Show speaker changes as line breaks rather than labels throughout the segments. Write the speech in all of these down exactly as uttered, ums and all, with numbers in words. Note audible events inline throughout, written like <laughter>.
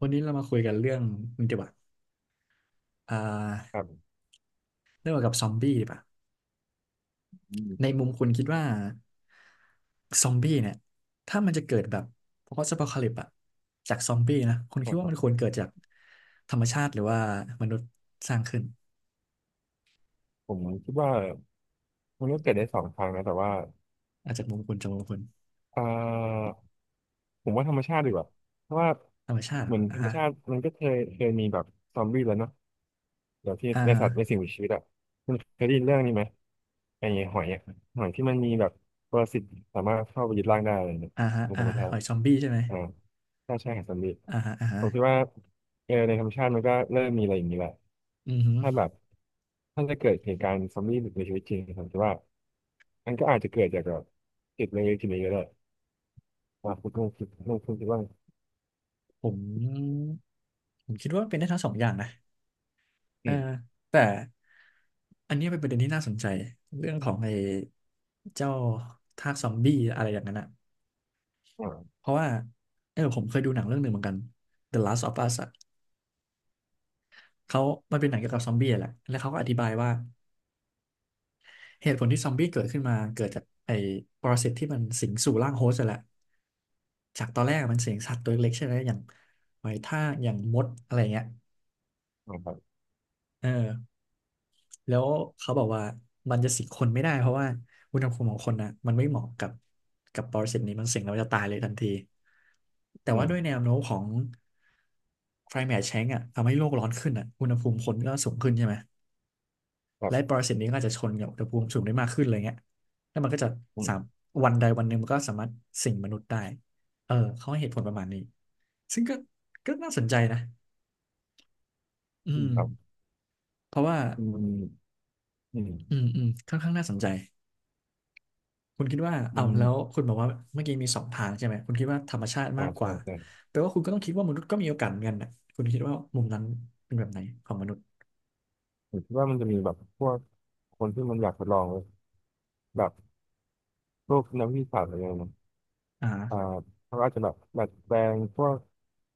วันนี้เรามาคุยกันเรื่องนี่ดีกว่าอ่
ครั
า
บ
เรื่องเกี่ยวกับซอมบี้ดีป่ะ
อืม
ในมุมคุณคิดว่าซอมบี้เนี่ยถ้ามันจะเกิดแบบพอสต์อพอคาลิปอะจากซอมบี้นะคุณคิด
ค
ว่า
รั
มันควร
บ
เกิดจากธรรมชาติหรือว่ามนุษย์สร้างขึ้น
ผมคิดว่ามันก็เกิดได้สองทางนะแต่ว่า
อาจจากมุมคุณจากมุมคุณ
เอ่อผมว่าธรรมชาติดีกว่าเพราะว่า
ธรรมชาติ
เห
เหร
มือ
อ
นธ
อ่า
รรม
ฮะ
ชาติมันก็เคยเคยมีแบบซอมบี้แล้วเนาะแบบที่
อ่า
ใน
ฮะ
สัตว์ในสิ่งมีชีวิตอ่ะคุณเคยได้ยินเรื่องนี้ไหมไอ้หอยอะหอยที่มันมีแบบปรสิตสามารถเข้าไปยึดร่างได้อะไรเนี่ย
อ่าฮะ
ในธ
อ่าะ
รรมชา
หอ
ติ
ยซอมบี้ใช่ไหม
อ่าถ้าใช่หาซอมบี้
อ่าฮะอ่าฮะ
ผมคิดว่าเออในธรรมชาติมันก็เริ่มมีอะไรอย่างนี้แหละ
อือฮึ
ถ้าแบบถ้าจะเกิดเหตุการณ์ซอมบี้ในชีวิตจริงผมคิดว่า มันก็อาจจะเกิดจากแบบจิตเล็กๆทีนี้ก็ได้ว่าคุณต้องคิดต้องคุคิดว่า
ผมผมคิดว่าเป็นได้ทั้งสองอย่างนะ เอ
อื
อ
ม
แต่อันนี้เป็นประเด็นที่น่าสนใจเรื่องของไอ้เจ้าทากซอมบี้อะไรอย่างนั้นอะ
อ่า
เพราะว่าเออผมเคยดูหนังเรื่องหนึ่งเหมือนกัน The Last of Us อะเขามันเป็นหนังเกี่ยวกับซอมบี้อะแหละแล้วเขาก็อธิบายว่าเหตุผลที่ซอมบี้เกิดขึ้นมาเกิดจากไอ้ปรสิตที่มันสิงสู่ร่างโฮสต์อะแหละจากตอนแรกมันสิงสัตว์ตัวเล็กๆใช่ไหมอย่างหอยทากอย่างมดอะไรเงี้ย
อ่าครับ
เออ แล้วเขาบอกว่ามันจะสิงคนไม่ได้เพราะว่าอุณหภูมิของคนนะมันไม่เหมาะกับกับปรสิตนี้มันสิงแล้วจะตายเลยทันทีแต่
อื
ว่า
ม
ด้วยแนวโน้มของ climate change อ่ะทำให้โลกร้อนขึ้นอ่ะอุณหภูมิคนก็สูงขึ้นใช่ไหม
ครั
และป
บ
รสิตนี้ก็อาจจะชนกับอุณหภูมิสูงได้มากขึ้นอะไรเงี้ยแล้วมันก็จะ
อืม
สามวันใดวันหนึ่งมันก็สามารถสิงมนุษย์ได้เออเขาให้เหตุผลประมาณนี้ซึ่งก็ก็น่าสนใจนะอื
อืม
ม
ครับ
เพราะว่า
อืมอื
อื
ม
มอืมค่อนข้างน่าสนใจ คุณคิดว่า
อื
เอ้าว
ม
แล้วคุณบอกว่าเมื่อกี้มีสองทางใช่ไหมคุณคิดว่าธรรมชาติ
อ่า
มากก
ใช่
ว่า
ใช่
แปลว่าคุณก็ต้องคิดว่ามนุษย์ก็มีโอกาสเหมือนกันนะคุณคิดว่ามุมนั้นเป็นแบบไหนของมนุษย์
ผมคิดว่ามันจะมีแบบพวกคนที่มันอยากทดลองแบบพวกนักวิทยาศาสตร์อะไรเงี้ยนะ
อ่า
อ่าเขาอาจจะแบบดัดแปลงพวก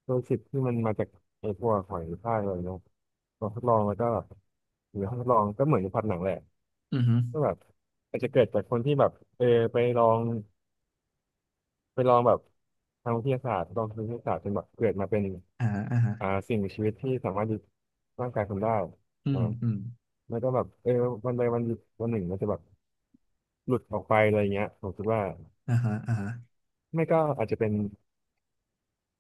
ตัวสิบที่มันมาจากไอ้พวกหอยทากอะไรเนาะลองทดลองแล้วก็แบบหรือห้องทดลองก็เหมือนในพล็อตหนังแหละ
อือฮึ
ก็แบบอาจจะเกิดจากคนที่แบบเออไปลอง ไปลองแบบทางวิทยาศาสตร์ลองทางวิทยาศาสตร์จนแบบเกิดมาเป็น
อ่าอ่าฮะ
อ่าสิ่งมีชีวิตที่สามารถยึดร่างกายคนได้
อื
อ่า
มอืม
แล้วก็แบบเออวันใดวันหนึ่งวันหนึ่งมันจะแบบหลุดออกไปอะไรเงี้ยผมคิดว่า
อ่าฮะอ่าฮะ
ไม่ก็อาจจะเป็น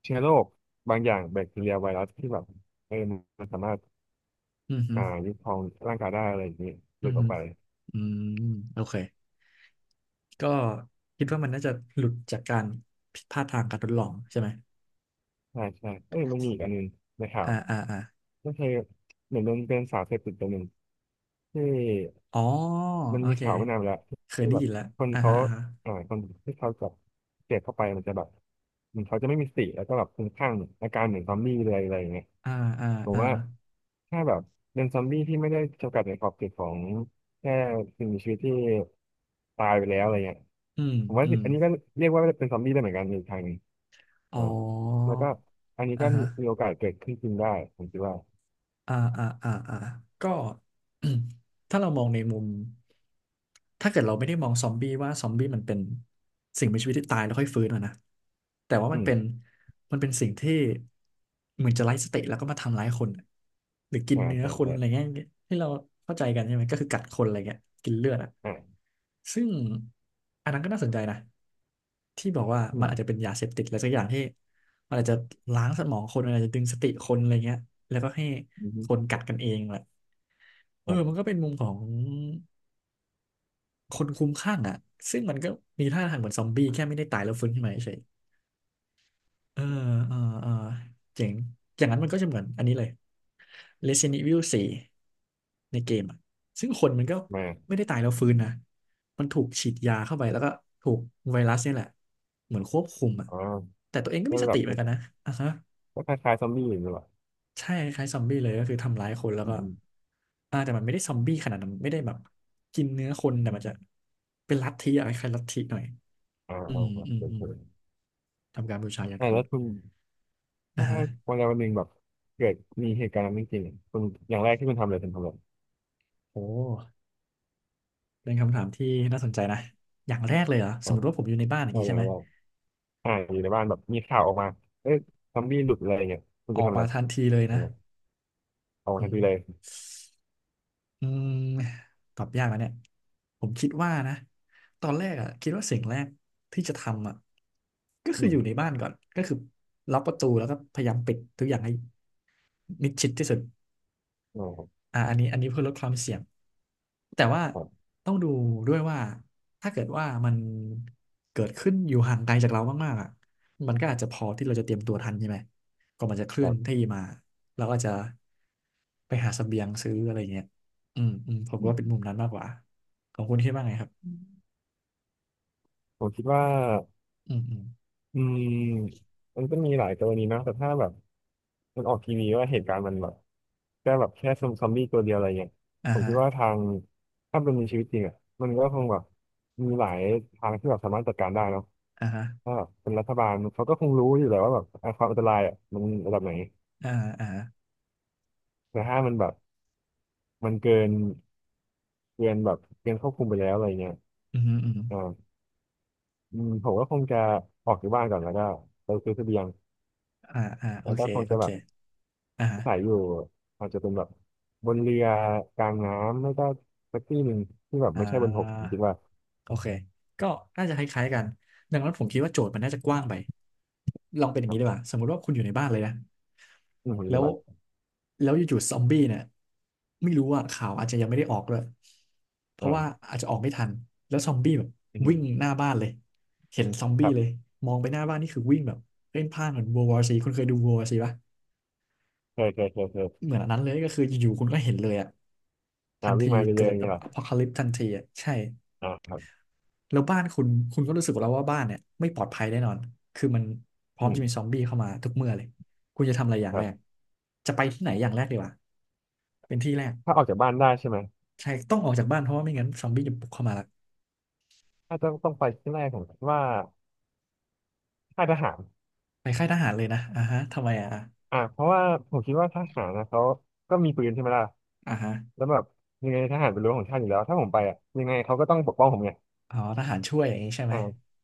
เชื้อโรคบางอย่างแบคทีเรียไวรัสที่แบบเออมันสามารถ
อือฮึ
อ่ายึดครองร่างกายได้อะไรอย่างนี้ห
อื
ลุ
อ
ดออ
ฮึ
กไป
อืมโอเคก็คิดว่ามันน่าจะหลุดจากการผิดพลาดทางการทดลองใช่ไหม
ใช่ใช่เอ้ยมันมีอีกอันหนึงในข่าว
อ่าอ่าอ่า
ก็คือเหมือนมันเป็นสารเสพติดตัวหนึ่งที่
อ๋อ
มัน
โอ
มี
เค
ข่าวไม่นานมาแล้ว
เคย
ที่
ได้
แบบ
ยินแล้ว
คน
อ่า
เขา
ฮะอ่าฮะ
อ่าคนที่เขาจับเสพเข้าไปมันจะแบบมันเขาจะไม่มีสติแล้วก็แบบคลุ้มคลั่งอาการเหมือนซอมบี้เลยอะไรอย่างเงี้ย
อ่าอ่า
ผม
อ่า
ว่าถ้าแบบเป็นซอมบี้ที่ไม่ได้จำกัดในขอบเขตของแค่สิ่งมีชีวิตที่ตายไปแล้วอะไรเงี้ย
อืม
ผมว่า
อืม
อันนี้ก็เรียกว่าเป็นซอมบี้ได้เหมือนกันในทางหนึง
อ๋อ
อ่าแล้วก็อันนี้
อ่า
ก็
ฮะ
มีโอกาสเกิดขึ้นจริงได้ผมคิดว่า
อ่าอ่าอ่าอ่าก็ <clears throat> ถ้าเรามองในมุมถ้าเกิดเราไม่ได้มองซอมบี้ว่าซอมบี้มันเป็นสิ่งมีชีวิตที่ตายแล้วค่อยฟื้นอะนะแต่ว่า
อื
มัน
ม
เป็นมันเป็นสิ่งที่เหมือนจะไร้สติแล้วก็มาทำร้ายคนอหรือกิน
อ่า
เนื้อ
ใช่
คน
ใช่
อะไรเงี้ยที่เราเข้าใจกันใช่ไหมก็คือกัดคนอะไรเงี้ยกินเลือดอะ
อ่า
ซึ่งอันนั้นก็น่าสนใจนะที่บอกว่า
อื
มัน
ม
อาจจะเป็นยาเสพติดอะไรสักอย่างที่มันอาจจะล้างสมองคนมันอาจจะดึงสติคนอะไรเงี้ยแล้วก็ให้
อื
ค
ม
นกัดกันเองแหละเอ
ค
อ
รั
มันก็
บ
เป็นมุมของคนคลุ้มคลั่งอ่ะซึ่งมันก็มีท่าทางเหมือนซอมบี้แค่ไม่ได้ตายแล้วฟื้นขึ้นมาเฉย เออ เออ เออ เจ๋งอย่างนั้นมันก็จะเหมือนอันนี้เลย Resident Evil สี่ในเกมอ่ะซึ่งคนมันก็
มา
ไม่ได้ตายแล้วฟื้นนะมันถูกฉีดยาเข้าไปแล้วก็ถูกไวรัสเนี่ยแหละ เหมือนควบคุมอ่ะ
อ๋อ
แต่ตัวเองก็
ก็
มีส
แบ
ติ
บ
เหมือนกันนะอ่ะฮะ
ก็คล้ายๆซอมบี้อยู่ดีกว่า
ใช่คล้ายๆซอมบี้เลยก็คือทำร้ายคนแล้ว
อื
ก็
มอืม
อ่าแต่มันไม่ได้ซอมบี้ขนาดนั้นไม่ได้แบบกินเนื้อคนแต่มันจะเป็นลัทธิอะไรคล้ายๆลัทธิหน่อย
อ่า
อื
อ่า
ม
อ่า
อืมอื
เฉ
ม
ย
ทำการบูชายั
ๆ
น
ใต่
คน
แล้วคุณ
อ่ะ
ถ้า
ฮะ
วันใดวันหนึ่งแบบเกิดมีเหตุการณ์นั้นจริงๆอะคุณอย่างแรกที่คุณทำเลยคุณทำเลย
โอ้ เป็นคำถามที่น่าสนใจนะอย่างแรกเลยเหรอส
อ่า
มมติว่าผมอยู่ในบ้านอย่าง
อ่
นี้
อ
ใช่
ย่า
ไห
ง
ม
แรกอ่าอยู่ในบ้านแบบมีข่าวออกมาเอ๊ะซอมบี้หลุดอะไรเงี้ยคุณ
ออ
จะ
ก
ทำอะ
มา
ไร
ทันทีเลย
อื
นะ
มเอา
อื
ทัน
ม
ทีเลย
อืมตอบยากนะเนี่ยผมคิดว่านะตอนแรกอ่ะคิดว่าสิ่งแรกที่จะทำอ่ะก็
อื
คืออ
ม
ยู่ในบ้านก่อนก็คือล็อกประตูแล้วก็พยายามปิดทุกอย่างให้มิดชิดที่สุด
อ่า
อ่าอันนี้อันนี้เพื่อลดความเสี่ยงแต่ว่า
ครับ
ต้องดูด้วยว่าถ้าเกิดว่ามันเกิดขึ้นอยู่ห่างไกลจากเรามากๆอ่ะมันก็อาจจะพอที่เราจะเตรียมตัวทันใช่ไหมก่อนมันจะเค
ค
ลื่อ
รั
นที่
บ
มาเราก็จะไปหาเสบียงซื้ออะไรเงี้ยอืมอืมผม
อื
ว่าเป็น
ม
มุมนั้นมากกว่าของคุณคิดว่าไงครับ
ผมคิดว่า
อืมอืม
อืมมันก็มีหลายกรณีนะแต่ถ้าแบบ มันออกทีวีว่าเหตุการณ์มันแบบแค่แบบแค่ซอมซอมบี้ตัวเดียวอะไรเงี้ยผ
อ่า
มคิ
ฮะ
ดว่าทางถ้าเป็นในชีวิตจริงอ่ะมันก็คงแบบมีหลายทางที่แบบสามารถจัดการได้เนาะ
อ่าฮะ
ถ้าแบบเป็นรัฐบาลเขาก็คงรู้อยู่แล้วว่าแบบอ่ะความอันตรายอ่ะมันระดับไหน
อ่าอ่า
แต่ถ้ามันแบบมันเกินเกินแบบเกินควบคุมไปแล้วอะไรเงี้ย
อืมอืมอม
อ่าอืมผมก็คงจะออกจากบ้านก่อนแล้วก็ไปซื้อเสบียง
อ่าอ่าโอ
แล้ว
เค
ก็คง
โอ
จะ
เค
แบบ
อ่าฮะ
ขายอยู่อาจจะเป็นแบบบนเรือกลางน้ำไม่ก็สักที่หนึ่งที่แบบ
อ่า
ไม่ใช่บนบกผมคิดว่า
โอเค ก็น่าจะคล้ายๆกันดังนั้นผมคิดว่าโจทย์มันน่าจะกว้างไปลองเป็นอย่างนี้ดีก
อ่ะ
ว่าสมมติว่าคุณอยู่ในบ้านเลยนะ
อืมห
แล้
รือ
ว
ว่า
แล้วอยู่ๆซอมบี้เนี่ยไม่รู้ว่าข่าวอาจจะยังไม่ได้ออกเลยเพราะว่า
อ่า
อาจจะออกไม่ทันแล้วซอมบี้แบบ
อื
วิ่
ม
งหน้าบ้านเลย เห็นซอม
ค
บี้
รับ
เลยมองไปหน้าบ้านนี่คือวิ่งแบบเพ่นพ่านเหมือน World War ซีคุณเคยดู World War ซีปะ
เคยเคยเคยเคย
เหมือนอันนั้นเลยก็คืออยู่ๆคุณก็เห็นเลยอะทั
อ่า
น
วิ่
ที
งมาเรื่อย
เกิ
ๆ
ด
อย่าง
แบ
เงี้
บ
ยเหร
อพ
อ
อคาลิปทันทีอะใช่
อ่าครับ
แล้วบ้านคุณคุณก็รู้สึกแล้วว่าบ้านเนี่ยไม่ปลอดภัยแน่นอนคือมันพร้อ
อื
ม
ม
จะมีซอมบี้เข้ามาทุกเมื่อเลยคุณจะทำอะไรอย่าง
ครั
แรก
บ
จะไปที่ไหนอย่างแรกดีวะเป็นที่แรก
ถ้าออกจากบ้านได้ใช่ไหม
ใช่ต้องออกจากบ้านเพราะว่าไม่งั้นซอมบี้จะบุกเข้ามาละ
ถ้าจะต้องไปที่แรกผมคิดว่าค่ายทหาร
ไปค่ายทหารเลยนะอ่าฮะทำไมอ่ะ
อ่าเพราะว่าผมคิดว่าทหารนะเขาก็มีปืนใช่ไหมล่ะ
อ่าฮะ
แล้วแบบยังไงทหารเป็นรั้วของชาติอยู่แล้วถ้าผมไปอ่ะยังไงเขาก็ต้องปกป้องผมไง
อ๋อทหารช่วยอย่างนี้ใช่ไหม
อ่า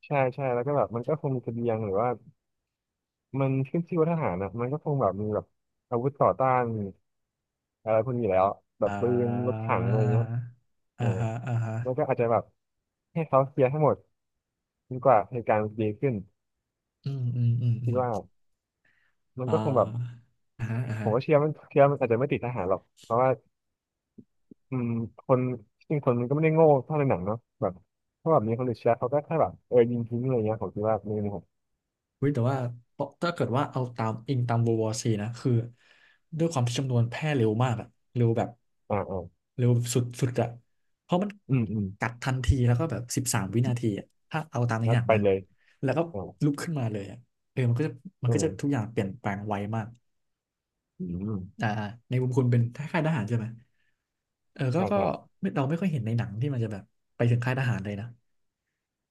ใช่ใช่แล้วก็แบบมันก็คงมีเสบียงหรือว่า มันขึ้นชื่อว่าทหารนะมันก็คงแบบมีแบบอาวุธต่อต้านอะไรพวกนี้อยู่แล้วแบ
อ่
บปืนรถ
า
ถังอะไรเงี้ยเอ
อ่า
อ
ฮะอ่าฮะ
แล้วก็อาจจะแบบให้เขาเคลียร์ให้หมดจนกว่าเหตุการณ์มันจะดีขึ้น
อืมอืมอืมอื
คิด
ม
ว่ามัน
อ่
ก็คงแบบ
าอ่าฮะอ่า
ผ
ฮะ
มก็เชื่อมันเชื่อมันอาจจะไม่ติดทหารหรอกเพราะว่าอืมคนจริงคนมันก็ไม่ได้โง่เท่าในหนังเนาะแบบถ้าแบบมีคนอื่นเชื่อเขาก็แค่แบบเออยิงทิ้งอะไรเงี้ยผมคิดว่าไม่มผม
เฮ้ยแต่ว่าถ้าเกิดว่าเอาตามอิงตาม World War ซีนะคือด้วยความที่จำนวนแพร่เร็วมากอะเร็วแบบ
อ่าอ่า
เร็วสุดสุดอะเพราะมัน
อืมอืม
กัดทันทีแล้วก็แบบสิบสามวินาทีอะถ้าเอาตามใน
แล้
ห
ว
นัง
ไป
นะ
เลย
แล้วก็
อ่า
ลุกขึ้นมาเลยอะเออมันก็จะมัน
อื
ก็จะ
ม
ทุกอย่างเปลี่ยนแปลงไวมาก
อืม
อ่าอ่าในมุมคุณเป็นค่ายทหารใช่ไหมเออก็
ใช่
ก็
ใช่
ไม่เราไม่ค่อยเห็นในหนังที่มันจะแบบไปถึงค่ายทหารเลยนะ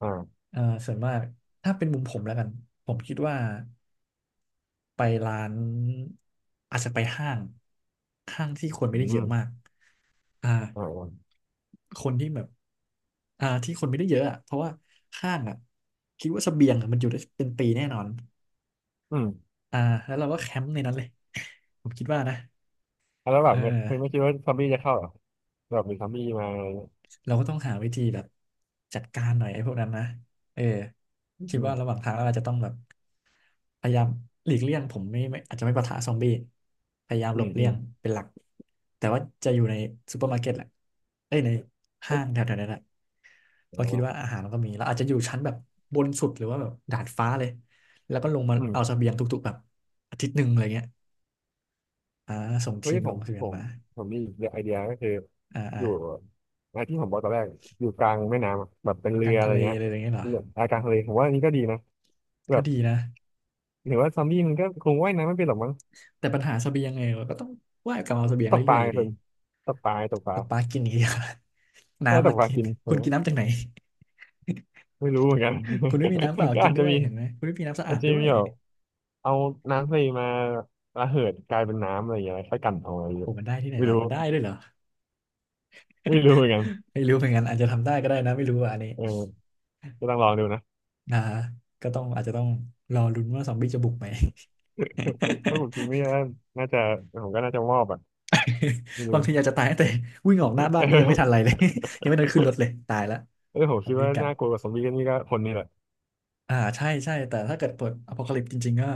อ่า
เอ่อส่วนมากถ้าเป็นมุมผมแล้วกันผมคิดว่า ไปร้านอาจจะไปห้างห้างที่คนไม่
อื
ได้เยอะ
ม
มากอ่า
อ่าอ่า
คนที่แบบอ่าที่คนไม่ได้เยอะอ่ะเพราะว่าห้างอ่ะคิดว่าเสบียงอะมันอยู่ได้เป็นปีแน่นอน
อืม
อ่าแล้วเราก็แคมป์ในนั้นเลย <laughs> ผมคิดว่านะ
แล้วแบ
เออ
บมันมันไม่คิดว่าซอมบี้จะเข้าเหรอแบบมีซอมบี้มา
เราก็ต้องหาวิธีแบบจัดการหน่อยไอ้พวกนั้นนะเออ
อื
คิดว่า
ม
ระหว่างทางเราอาจจะต้องแบบพยายามหลีกเลี่ยงผมไม่ไม่อาจจะไม่ปะทะซอมบี้พยายาม
อื
หล
ม
บ
อื
เลี่ย
ม
งเป็นหลัก แต่ว่าจะอยู่ในซูเปอร์มาร์เก็ตแหละเอ้ยใน
เอ้
ห้า
ย
งแถวๆนั้นแหละเพ
อ๋
ราะคิดว่า
อ
อาหารมันก็มีเราอาจจะอยู่ชั้นแบบบนสุดหรือว่าแบบดาดฟ้าเลย แล้วก็ลงมา
อืม
เอาเสบียงทุกๆแบบอาทิตย์หนึ่งอะไรเงี้ยอ่าส่ง
เฮ้
ที
ย
ม
ผ
ล
ม
งเสบี
ผ
ยง
ม
มา
ผมมีไอเดียก็คือ
อ่าอ่า
อยู่ไอที่ผมบอกตอนแรกอยู่กลางแม่น้ำอะแบบเป็น
ก
เรื
ลา
อ
ง
อะ
ทะ
ไร
เล
เงี้
อะ
ย
ไรอย่างเงี้ยเหรอ
เรืออากลางทะเลผมว่าอันนี้ก็ดีนะแบ
ก็
บ
ดีนะ
ถือว่าซอมบี้มันก็คงว่ายน้ำไม่เป็นหรอกมั้ง
แต่ปัญหาเสบียงไงเราก็ต้องว่ายกลับมาเอาเสบียง
ตกป
เรื่อ
ลา
ยๆอ
ไง
ยู่ดี
คุณตกปลาตกป
ต
ลา
กปลากินอย่างเดียว <laughs>
ใช่
น้ำ
ต
มา
กปลา
กิน
กินผ
คุณ
ม
กินน้ำจากไหน
ไม่รู้เหมือนกัน
คุณไม่มีน้ำเปล่า
<laughs> ก็
กิน
อาจ
ด้
จะ
วย
มี
เห็นไหมคุณไม่มีน้ำสะ
อา
อา
จ
ด
จะ
ด้ว
มี
ย
แบบ เอาน้ำทะเลมาระเหิดกลายเป็นน้ำอะไรอย่างเงี้ยค่อยกันเอาอะไรอย่า
โอ้
ง
โห
เงี้ย
มันได้ที่ไหน
ไม่
ล่ะ
รู้
มันได้ด้วยเหรอ
ไม่รู้เหมือนกัน
ไม่รู้เหมือนกันอาจจะทำได้ก็ได้นะไม่รู้อะอันนี้
เออก็ต้องลองดูนะ
นะก็ต้องอาจจะต้องรอลุ้นว่าซอมบี้จะบุกไหม
ถ้าผมจริงไม่น่าน่าจะผมก็น่าจะมอบอ่ะไม่
<laughs>
รู้
บาง
<laughs>
ทีอยากจะตายตั้งแต่วิ่งออกหน้า
เ
บ้านนี่ยังไม่ทัน
ออ
ไรเลย <laughs> ยังไม่ทันขึ้นรถเลยตายแล้ว
เออผม
ซอ
คิ
ม
ด
บี้
ว่า
กัด
น่ากลัวกว่าซอมบี้ก็นี่ก็คนนี่แหละ
อ่าใช่ใช่แต่ถ้าเกิดเปิดอ พี อ ซี เอ ลิป อี จริงๆก็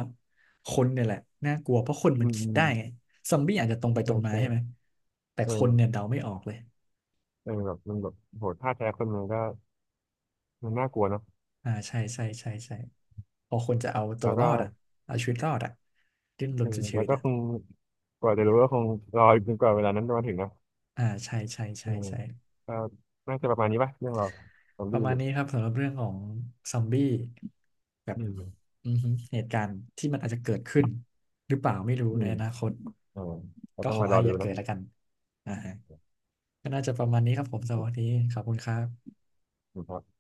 คนเนี่ยแหละน่ากลัวเพราะคน
อื
มัน
ม
คิ
อื
ด
ม
ได้ไงซอมบี้อาจจะตรงไปตร
ใช่
งมา
ใช่
ใช่ไหมแต่
เอ
คนเนี่ย
อ
เดาไม่ออกเลย
เออแบบมันแบบโหท่าแท้คนมันก็มันน่ากลัวเนาะ
อ่าใช่ใช่ใช่ใช่พอคนจะเอาตั
แล้
ว
ว
ร
ก็
อดอ่ะเอาชีวิตรอดอ่ะดิ้นร
เอ
น
อ
สุดชี
แล้
วิ
ว
ต
ก็
อ่ะ
คงกว่าจะรู้ก็คงรออีกจนกว่าเวลานั้นจะมาถึงนะ
อ่าใช่ใช่
เอ
ใช่
อ
ใช่
ก็น่าจะประมาณนี้ป่ะเรื่องเราซอม
ป
บี้
ระมา
ห
ณ
รือ
นี้ครับสำหรับเรื่องของซอมบี้แบบ
อืม
อือฮึเหตุการณ์ที่มันอาจจะเกิดขึ้นหรือเปล่าไม่รู้
อื
ใน
ม
อนาคต
อ่าก็
ก็
ต้อง
ขอ
มารอ
ให้อ
ดู
ย่าเกิ
เนาะ
ดแล้วกันอ่าฮะ ก็น่าจะประมาณนี้ครับผมสำหรับวันนี้ขอบคุณครับ
คุณพ่อ